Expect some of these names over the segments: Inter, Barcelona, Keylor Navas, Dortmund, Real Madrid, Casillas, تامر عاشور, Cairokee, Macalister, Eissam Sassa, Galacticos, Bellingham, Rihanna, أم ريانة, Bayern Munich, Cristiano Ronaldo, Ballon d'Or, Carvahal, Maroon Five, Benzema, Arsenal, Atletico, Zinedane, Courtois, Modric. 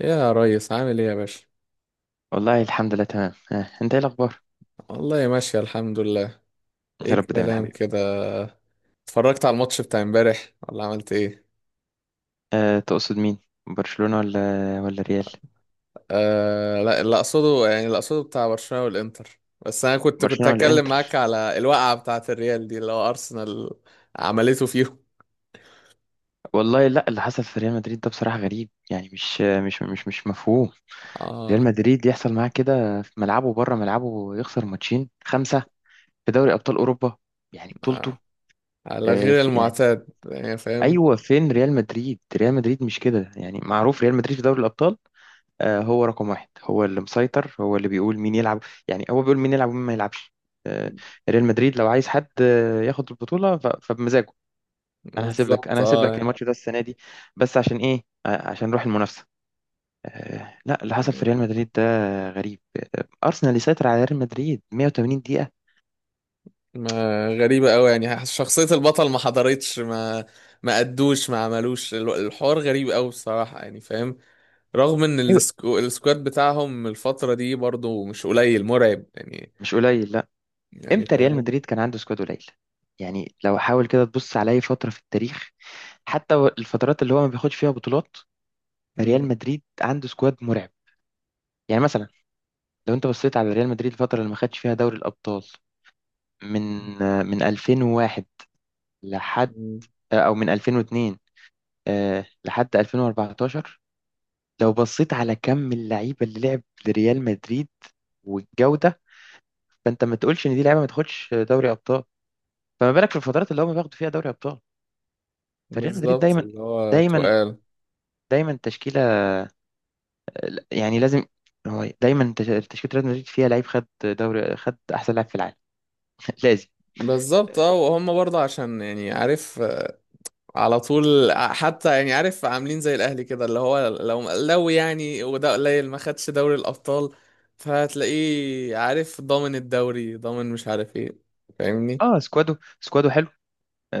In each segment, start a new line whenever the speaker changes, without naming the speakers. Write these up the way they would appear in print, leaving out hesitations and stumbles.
يا ريس، عامل ايه يا باشا؟
والله الحمد لله تمام آه. انت ايه الاخبار؟
والله ماشية الحمد لله. ايه
يا رب دايما يا
الكلام
حبيبي.
كده؟ اتفرجت على الماتش بتاع امبارح ولا عملت ايه؟
تقصد مين؟ برشلونة ولا؟ ولا ريال؟
آه لا، اللي اقصده بتاع برشلونة والانتر. بس انا كنت
برشلونة ولا
هتكلم معاك
انتر؟
على الوقعة بتاعة الريال دي اللي هو ارسنال عملته فيهم.
والله لا، اللي حصل في ريال مدريد ده بصراحة غريب، يعني مش مفهوم. ريال
اه،
مدريد يحصل معاه كده في ملعبه بره ملعبه، يخسر ماتشين خمسة في دوري ابطال اوروبا، يعني بطولته.
آه، على غير
يعني
المعتاد يعني، فاهم.
ايوه، فين ريال مدريد؟ ريال مدريد مش كده، يعني معروف ريال مدريد في دوري الابطال. هو رقم واحد، هو اللي مسيطر، هو اللي بيقول مين يلعب، يعني هو بيقول مين يلعب ومين ما يلعبش. آه، ريال مدريد لو عايز حد ياخد البطولة فبمزاجه. انا هسيب لك
بالظبط
انا هسيب لك
اه،
الماتش ده السنة دي، بس عشان ايه؟ عشان نروح المنافسة. لا، اللي حصل
يعني
في ريال مدريد ده غريب. ارسنال يسيطر على ريال مدريد 180 دقيقة.
ما، غريبة قوي، يعني شخصية البطل ما حضرتش، ما ادوش ما عملوش الحوار، غريب قوي بصراحة يعني فاهم. رغم ان
ايوه،
السكواد بتاعهم الفترة دي برضو مش قليل، مرعب يعني.
مش قليل، لا.
يعني
امتى ريال
فاهم.
مدريد كان عنده سكواد قليل؟ يعني لو حاول كده تبص على اي فترة في التاريخ، حتى الفترات اللي هو ما بياخدش فيها بطولات، ريال
مم.
مدريد عنده سكواد مرعب. يعني مثلا لو انت بصيت على ريال مدريد الفتره اللي ما خدش فيها دوري الابطال، من 2001 لحد،
مم.
او من 2002 لحد 2014، لو بصيت على كم اللعيبه اللي لعب لريال مدريد والجوده، فانت ما تقولش ان دي لعيبه ما تاخدش دوري ابطال، فما بالك في الفترات اللي هم بياخدوا فيها دوري ابطال. فريال مدريد
بالظبط
دايما
اللي هو
دايما
تقال.
دايما تشكيله، يعني لازم. هو دايما تشكيله ريال مدريد فيها لعيب خد دوري، خد احسن لاعب في العالم. لازم.
بالظبط اه، وهم برضه عشان يعني عارف، آه، على طول، آه، حتى يعني عارف عاملين زي الاهلي كده، اللي هو لو يعني وده قليل ما خدش دوري الابطال. فهتلاقيه عارف ضامن الدوري ضامن مش عارف ايه، فاهمني؟
اه، سكوادو، سكوادو حلو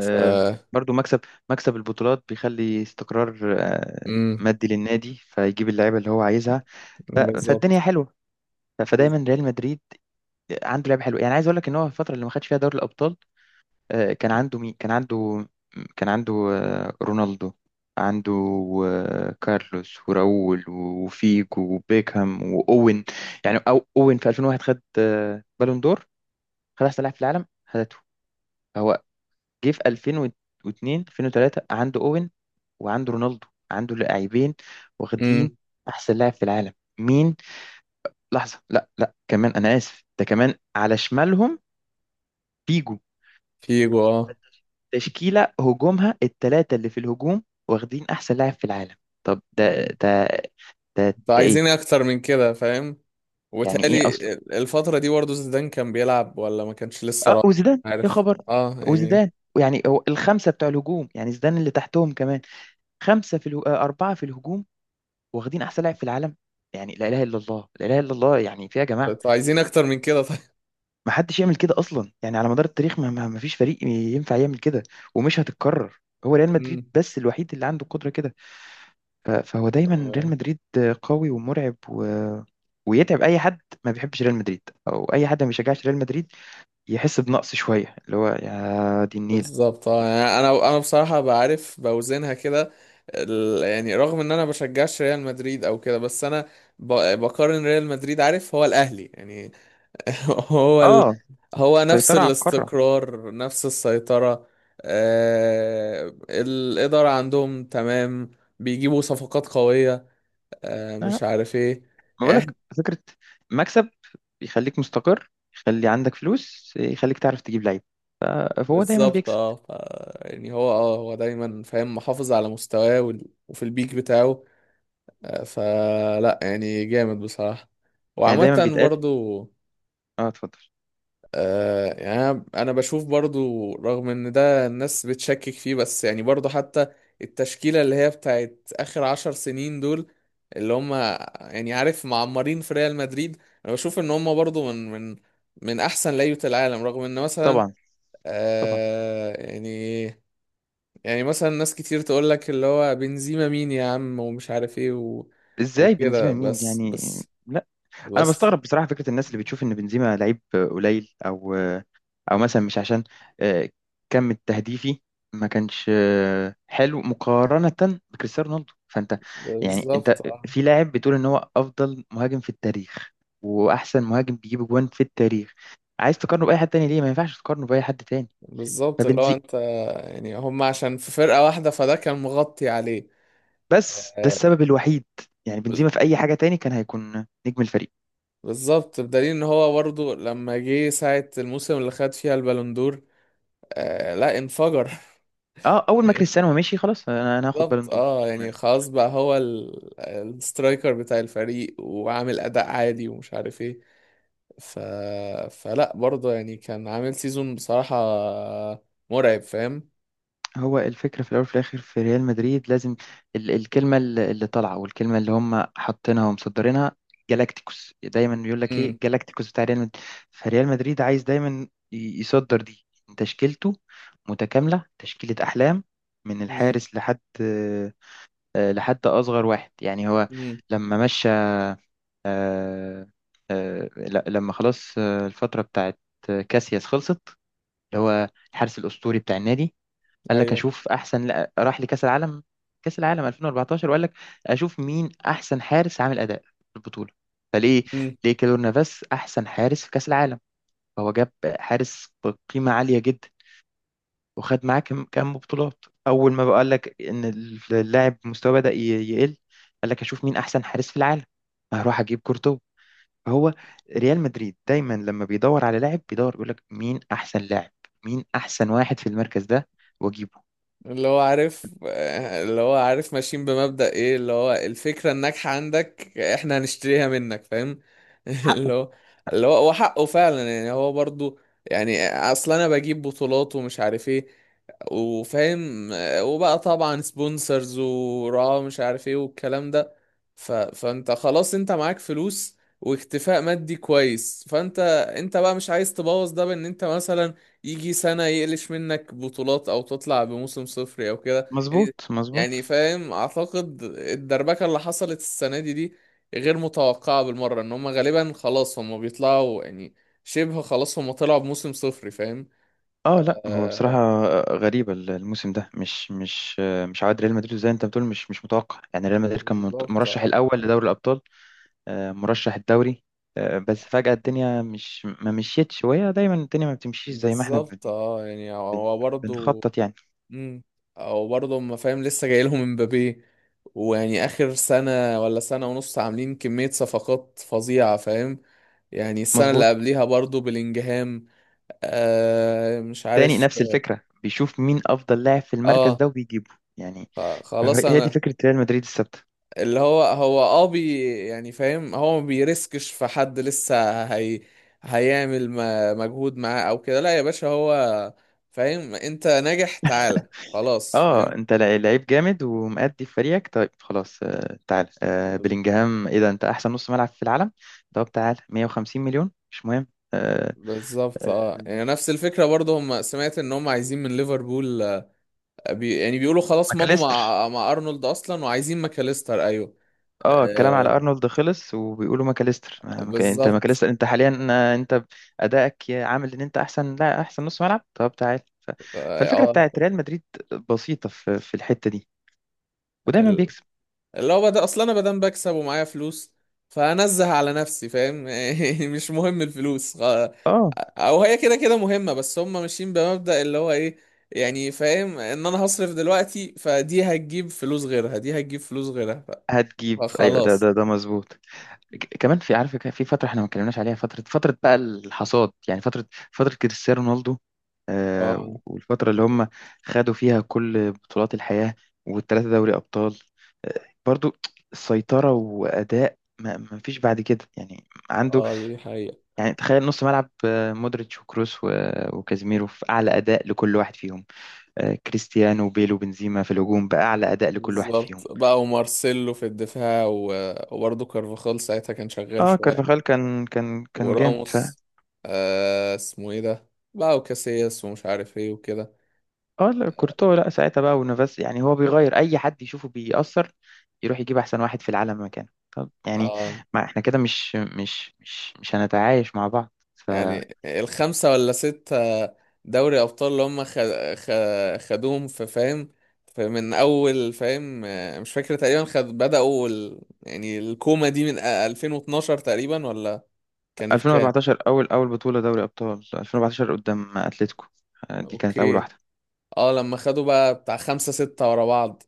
ف
برضو. مكسب، مكسب البطولات بيخلي استقرار
امم.
مادي للنادي، فيجيب اللعيبه اللي هو عايزها. ف- فالدنيا
بالظبط.
حلوه. فدايما ريال مدريد عنده لعيبه حلوه. يعني عايز اقول لك ان هو الفتره اللي ما خدش فيها دوري الابطال كان عنده مين؟ كان عنده رونالدو، عنده كارلوس وراؤول وفيجو وبيكهام واوين. يعني اوين في 2001 خد بالون دور، خد احسن لاعب في العالم، خدته هو. جه في 2002 2003 عنده اوين، وعنده رونالدو، عنده لاعبين واخدين
امم.
احسن لاعب في العالم. مين؟ لحظه، لا لا، كمان انا اسف، ده كمان على شمالهم فيجو.
فيجو اه.
تشكيله هجومها الثلاثه اللي في الهجوم واخدين احسن لاعب في العالم. طب ده
فعايزين
ايه؟
اكتر من كده فاهم؟
يعني ايه
وتالي
اصلا؟
الفترة دي برضه زيدان كان بيلعب ولا ما كانش لسه
اه،
راح؟
وزيدان يا
عارف
خبر.
اه يعني.
وزيدان، يعني هو الخمسه بتوع الهجوم، يعني زيدان اللي تحتهم كمان. خمسه اربعه في الهجوم واخدين احسن لاعب في العالم. يعني لا اله الا الله، لا اله الا الله، يعني في يا جماعه،
انتوا عايزين اكتر من كده طيب؟
ما حدش يعمل كده اصلا، يعني على مدار التاريخ ما فيش فريق ينفع يعمل كده، ومش هتتكرر. هو ريال مدريد
امم.
بس الوحيد اللي عنده قدرة كده. فهو دايما ريال
آه.
مدريد قوي ومرعب ويتعب اي حد ما بيحبش ريال مدريد، او اي حد ما بيشجعش ريال مدريد يحس بنقص شوية، اللي هو يا دي النيلة.
بالظبط اه، يعني انا بصراحة بعرف بوزنها كده. يعني رغم ان انا بشجعش ريال مدريد او كده، بس انا بقارن ريال مدريد، عارف، هو الاهلي يعني. هو ال...
اه،
هو نفس
السيطرة على القارة.
الاستقرار نفس السيطرة. الإدارة عندهم تمام، بيجيبوا صفقات قوية،
لا لا،
مش عارف ايه
ما
يعني.
بقولك فكرة؟ مكسب يخليك مستقر، يخلي عندك فلوس، يخليك تعرف تجيب لعيب. ف- فهو دايما
بالظبط
بيكسب،
اه، يعني هو دايما فاهم محافظ على مستواه، وفي البيك بتاعه. فلا يعني جامد بصراحة.
يعني دايما
وعامة
بيتقال.
برضو
اه، اتفضل.
آه يعني، انا بشوف برضو رغم ان ده الناس بتشكك فيه، بس يعني برضو حتى التشكيلة اللي هي بتاعت اخر 10 سنين دول، اللي هم يعني عارف معمرين في ريال مدريد، انا بشوف ان هم برضو من احسن لعيبة العالم، رغم ان مثلا
طبعا، طبعا.
آه يعني، يعني مثلا ناس كتير تقول لك اللي هو بنزيما مين يا عم ومش عارف ايه، و
ازاي
وكده
بنزيما مين
بس.
يعني؟
بس
لا، انا
بس
بستغرب بصراحه فكره الناس اللي بتشوف ان بنزيما لعيب قليل، او مثلا مش عشان آه، كم التهديفي ما كانش حلو مقارنه بكريستيانو رونالدو، فانت يعني انت
بالظبط آه.
في لاعب بتقول ان هو افضل مهاجم في التاريخ واحسن مهاجم بيجيب جوان في التاريخ، عايز تقارنه باي حد تاني؟ ليه ما ينفعش تقارنه باي حد تاني؟
بالظبط، اللي هو
فبنزي
انت يعني هم عشان في فرقة واحدة، فده كان مغطي عليه.
بس ده
آه،
السبب الوحيد، يعني
ب-
بنزيما في اي حاجه تاني كان هيكون نجم الفريق.
بالظبط بدليل ان هو برضه لما جه ساعة الموسم اللي خد فيها البالوندور آه لا انفجر.
اه، اول ما
يعني
كريستيانو مشي خلاص، انا هاخد
بالظبط
بالون دور.
اه، يعني خلاص بقى هو السترايكر بتاع الفريق، وعامل اداء عادي ومش عارف ايه. ف... فلا برضه يعني كان عامل سيزون بصراحة مرعب فاهم.
هو الفكره في الاول وفي الاخر في ريال مدريد لازم، الكلمه اللي طالعه، والكلمه اللي هم حاطينها ومصدرينها، جالاكتيكوس، دايما بيقول لك
امم،
ايه؟ جالاكتيكوس بتاع ريال مدريد. فريال مدريد عايز دايما يصدر دي، تشكيلته متكامله، تشكيله احلام، من
امم،
الحارس لحد اصغر واحد. يعني هو
امم،
لما مشى، آه، لما خلاص الفتره بتاعت كاسياس خلصت، اللي هو الحارس الاسطوري بتاع النادي، قال لك
ايوه.
اشوف احسن، لا، راح لكاس العالم. كاس العالم 2014، وقال لك اشوف مين احسن حارس عامل اداء في البطوله، فليه؟ ليه كيلور نافاس احسن حارس في كاس العالم. فهو جاب حارس بقيمه عاليه جدا، وخد معاه كم بطولات. اول ما بقى قال لك ان اللاعب مستواه بدأ يقل، قال لك اشوف مين احسن حارس في العالم، هروح اجيب كورتوا. هو ريال مدريد دايما لما بيدور على لاعب، بيقول لك مين احسن لاعب، مين احسن واحد في المركز ده، واجيبه
اللي هو عارف اللي هو عارف ماشيين بمبدأ ايه، اللي هو الفكرة الناجحة عندك احنا هنشتريها منك فاهم. اللي
حقه.
هو اللي هو وحقه فعلا يعني هو برضو، يعني اصل انا بجيب بطولات ومش عارف ايه وفاهم، وبقى طبعا سبونسرز وراه مش عارف ايه والكلام ده. فانت خلاص انت معاك فلوس واكتفاء مادي كويس، فانت انت بقى مش عايز تبوظ ده بان انت مثلا يجي سنة يقلش منك بطولات أو تطلع بموسم صفري أو كده يعني.
مظبوط، مظبوط.
يعني فاهم، أعتقد الدربكة اللي حصلت السنة دي غير متوقعة بالمرة، إن هما غالبا خلاص هما بيطلعوا يعني شبه خلاص، هما طلعوا بموسم صفري فاهم.
اه، لا، هو بصراحة
آه،
غريبة الموسم ده، مش عواد ريال مدريد، زي انت بتقول، مش متوقع. يعني ريال مدريد كان
بالظبط
مرشح
اه.
الاول لدوري الابطال، مرشح الدوري. بس فجأة الدنيا مش ما مشيتش، وهي دايما الدنيا ما بتمشيش زي ما احنا بن
بالظبط اه يعني، هو
بن
برضه
بنخطط يعني.
امم. او برضه ما فاهم، لسه جاي لهم امبابي ويعني اخر سنه ولا سنه ونص عاملين كميه صفقات فظيعه فاهم. يعني السنه اللي
مظبوط.
قبليها برضه بلينجهام، آه مش
تاني
عارف.
نفس الفكرة، بيشوف مين أفضل لاعب في المركز
اه،
ده وبيجيبه، يعني
خلاص
هي دي
انا،
فكرة ريال مدريد الثابتة.
اللي هو اه بي، يعني فاهم هو ما بيرسكش في حد لسه، هي هيعمل مجهود معاه او كده، لا يا باشا، هو فاهم، انت ناجح تعالى خلاص
اه،
فاهم.
انت لعيب جامد ومأدي في فريقك، طيب خلاص، تعال، بلينجهام ايه ده؟ انت احسن نص ملعب في العالم، طب تعال 150 مليون، مش مهم. آه
بالظبط
آه
اه، يعني نفس الفكرة برضه، هم سمعت ان هم عايزين من ليفربول آه، يعني بيقولوا خلاص مضوا
ماكاليستر.
مع ارنولد اصلا، وعايزين ماكاليستر، ايوه.
اه، الكلام على
آه
ارنولد خلص، وبيقولوا ماكاليستر، انت
بالظبط
ماكاليستر، انت حاليا انت ادائك عامل ان انت احسن، لا، احسن نص ملعب، طب تعال.
اه
فالفكرة
آه.
بتاعت ريال مدريد بسيطة في الحتة دي، ودايما
ال-
بيكسب.
اللي هو بدأ اصلا، انا بدام بكسب ومعايا فلوس، فانزه على نفسي فاهم. يعني مش مهم الفلوس،
اه،
او هي كده كده مهمة، بس هم ماشيين بمبدأ اللي هو ايه، يعني فاهم ان انا هصرف دلوقتي فدي هتجيب فلوس غيرها، دي هتجيب فلوس غيرها،
هتجيب، ايوه، ده
فخلاص.
ده ده مظبوط. كمان في عارف، كان في فتره احنا ما اتكلمناش عليها، فتره فتره بقى الحصاد، يعني فتره كريستيانو رونالدو،
اه
والفتره اللي هم خدوا فيها كل بطولات الحياه، والثلاثه دوري ابطال. آه برضو سيطره واداء ما فيش بعد كده، يعني عنده.
اه دي حقيقة.
يعني تخيل نص ملعب مودريتش وكروس و- وكازيميرو في اعلى اداء لكل واحد فيهم، كريستيانو وبيلو وبنزيما في الهجوم باعلى اداء لكل واحد
بالظبط
فيهم.
بقى، ومارسيلو في الدفاع، وبرضه كارفاخال ساعتها كان شغال
اه،
شوية،
كارفاخال كان جامد،
وراموس، آه اسمه ايه ده، بقى وكاسياس ومش عارف ايه وكده.
اه، لا، كورتوا، لا، ساعتها بقى ونافاس. يعني هو بيغير اي حد يشوفه بيأثر، يروح يجيب احسن واحد في العالم مكانه، طب يعني
اه
ما احنا كده مش هنتعايش مع بعض،
يعني الخمسة ولا ستة دوري أبطال اللي هم خ... خدوهم في، فاهم؟ فمن أول، فاهم، آه مش فاكر تقريبا خد، بدأوا يعني الكومة دي من 2012 تقريبا، ولا كانت كام؟
2014 اول بطولة دوري ابطال 2014 قدام اتلتيكو. دي كانت اول
اوكي.
واحدة.
اه لما خدوا بقى بتاع خمسة ستة ورا بعض.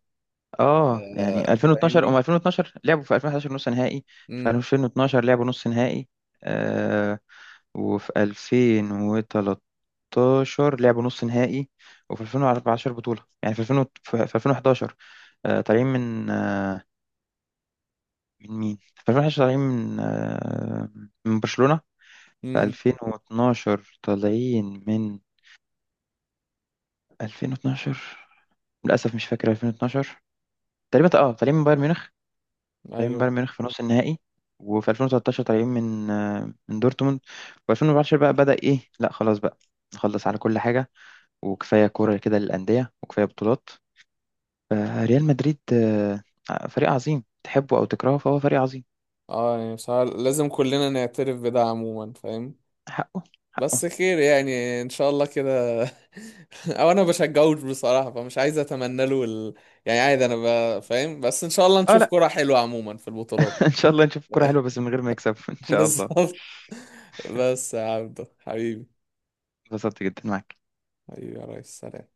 اه،
آه،
يعني 2012 هم
فاهمني.
2012 لعبوا في 2011 نص نهائي، في
امم.
2012 لعبوا نص نهائي، آه وفي 2013 لعبوا نص نهائي، وفي 2014 بطولة. يعني في 2000 في 2011 طالعين من من مين؟ في 2011 طالعين من من برشلونة. في
امم.
2012 طالعين من 2012، للأسف مش فاكر 2012 تقريبا. اه، طالعين من بايرن ميونخ، طالعين
ايوه.
بايرن ميونخ في نص النهائي. وفي 2013 طالعين من من دورتموند. و2014 بقى بدأ ايه، لا خلاص بقى نخلص على كل حاجة، وكفاية كورة كده للأندية، وكفاية بطولات. فريال مدريد فريق عظيم تحبه أو تكرهه، فهو فريق عظيم.
اه يعني بصراحة لازم كلنا نعترف بده عموما، فاهم.
حقه، حقه.
بس خير يعني ان شاء الله كده. او انا بشجعوش بصراحة، فمش عايز اتمنى له يعني عادي، انا فاهم، بس ان شاء الله
اه،
نشوف
لا.
كرة حلوة عموما في البطولات.
ان شاء الله نشوف كورة حلوة بس من غير ما يكسب. ان شاء الله.
بالظبط. بس يا عبدو حبيبي،
اتبسطت جدا معاك.
حبيبي يا ريس، سلام.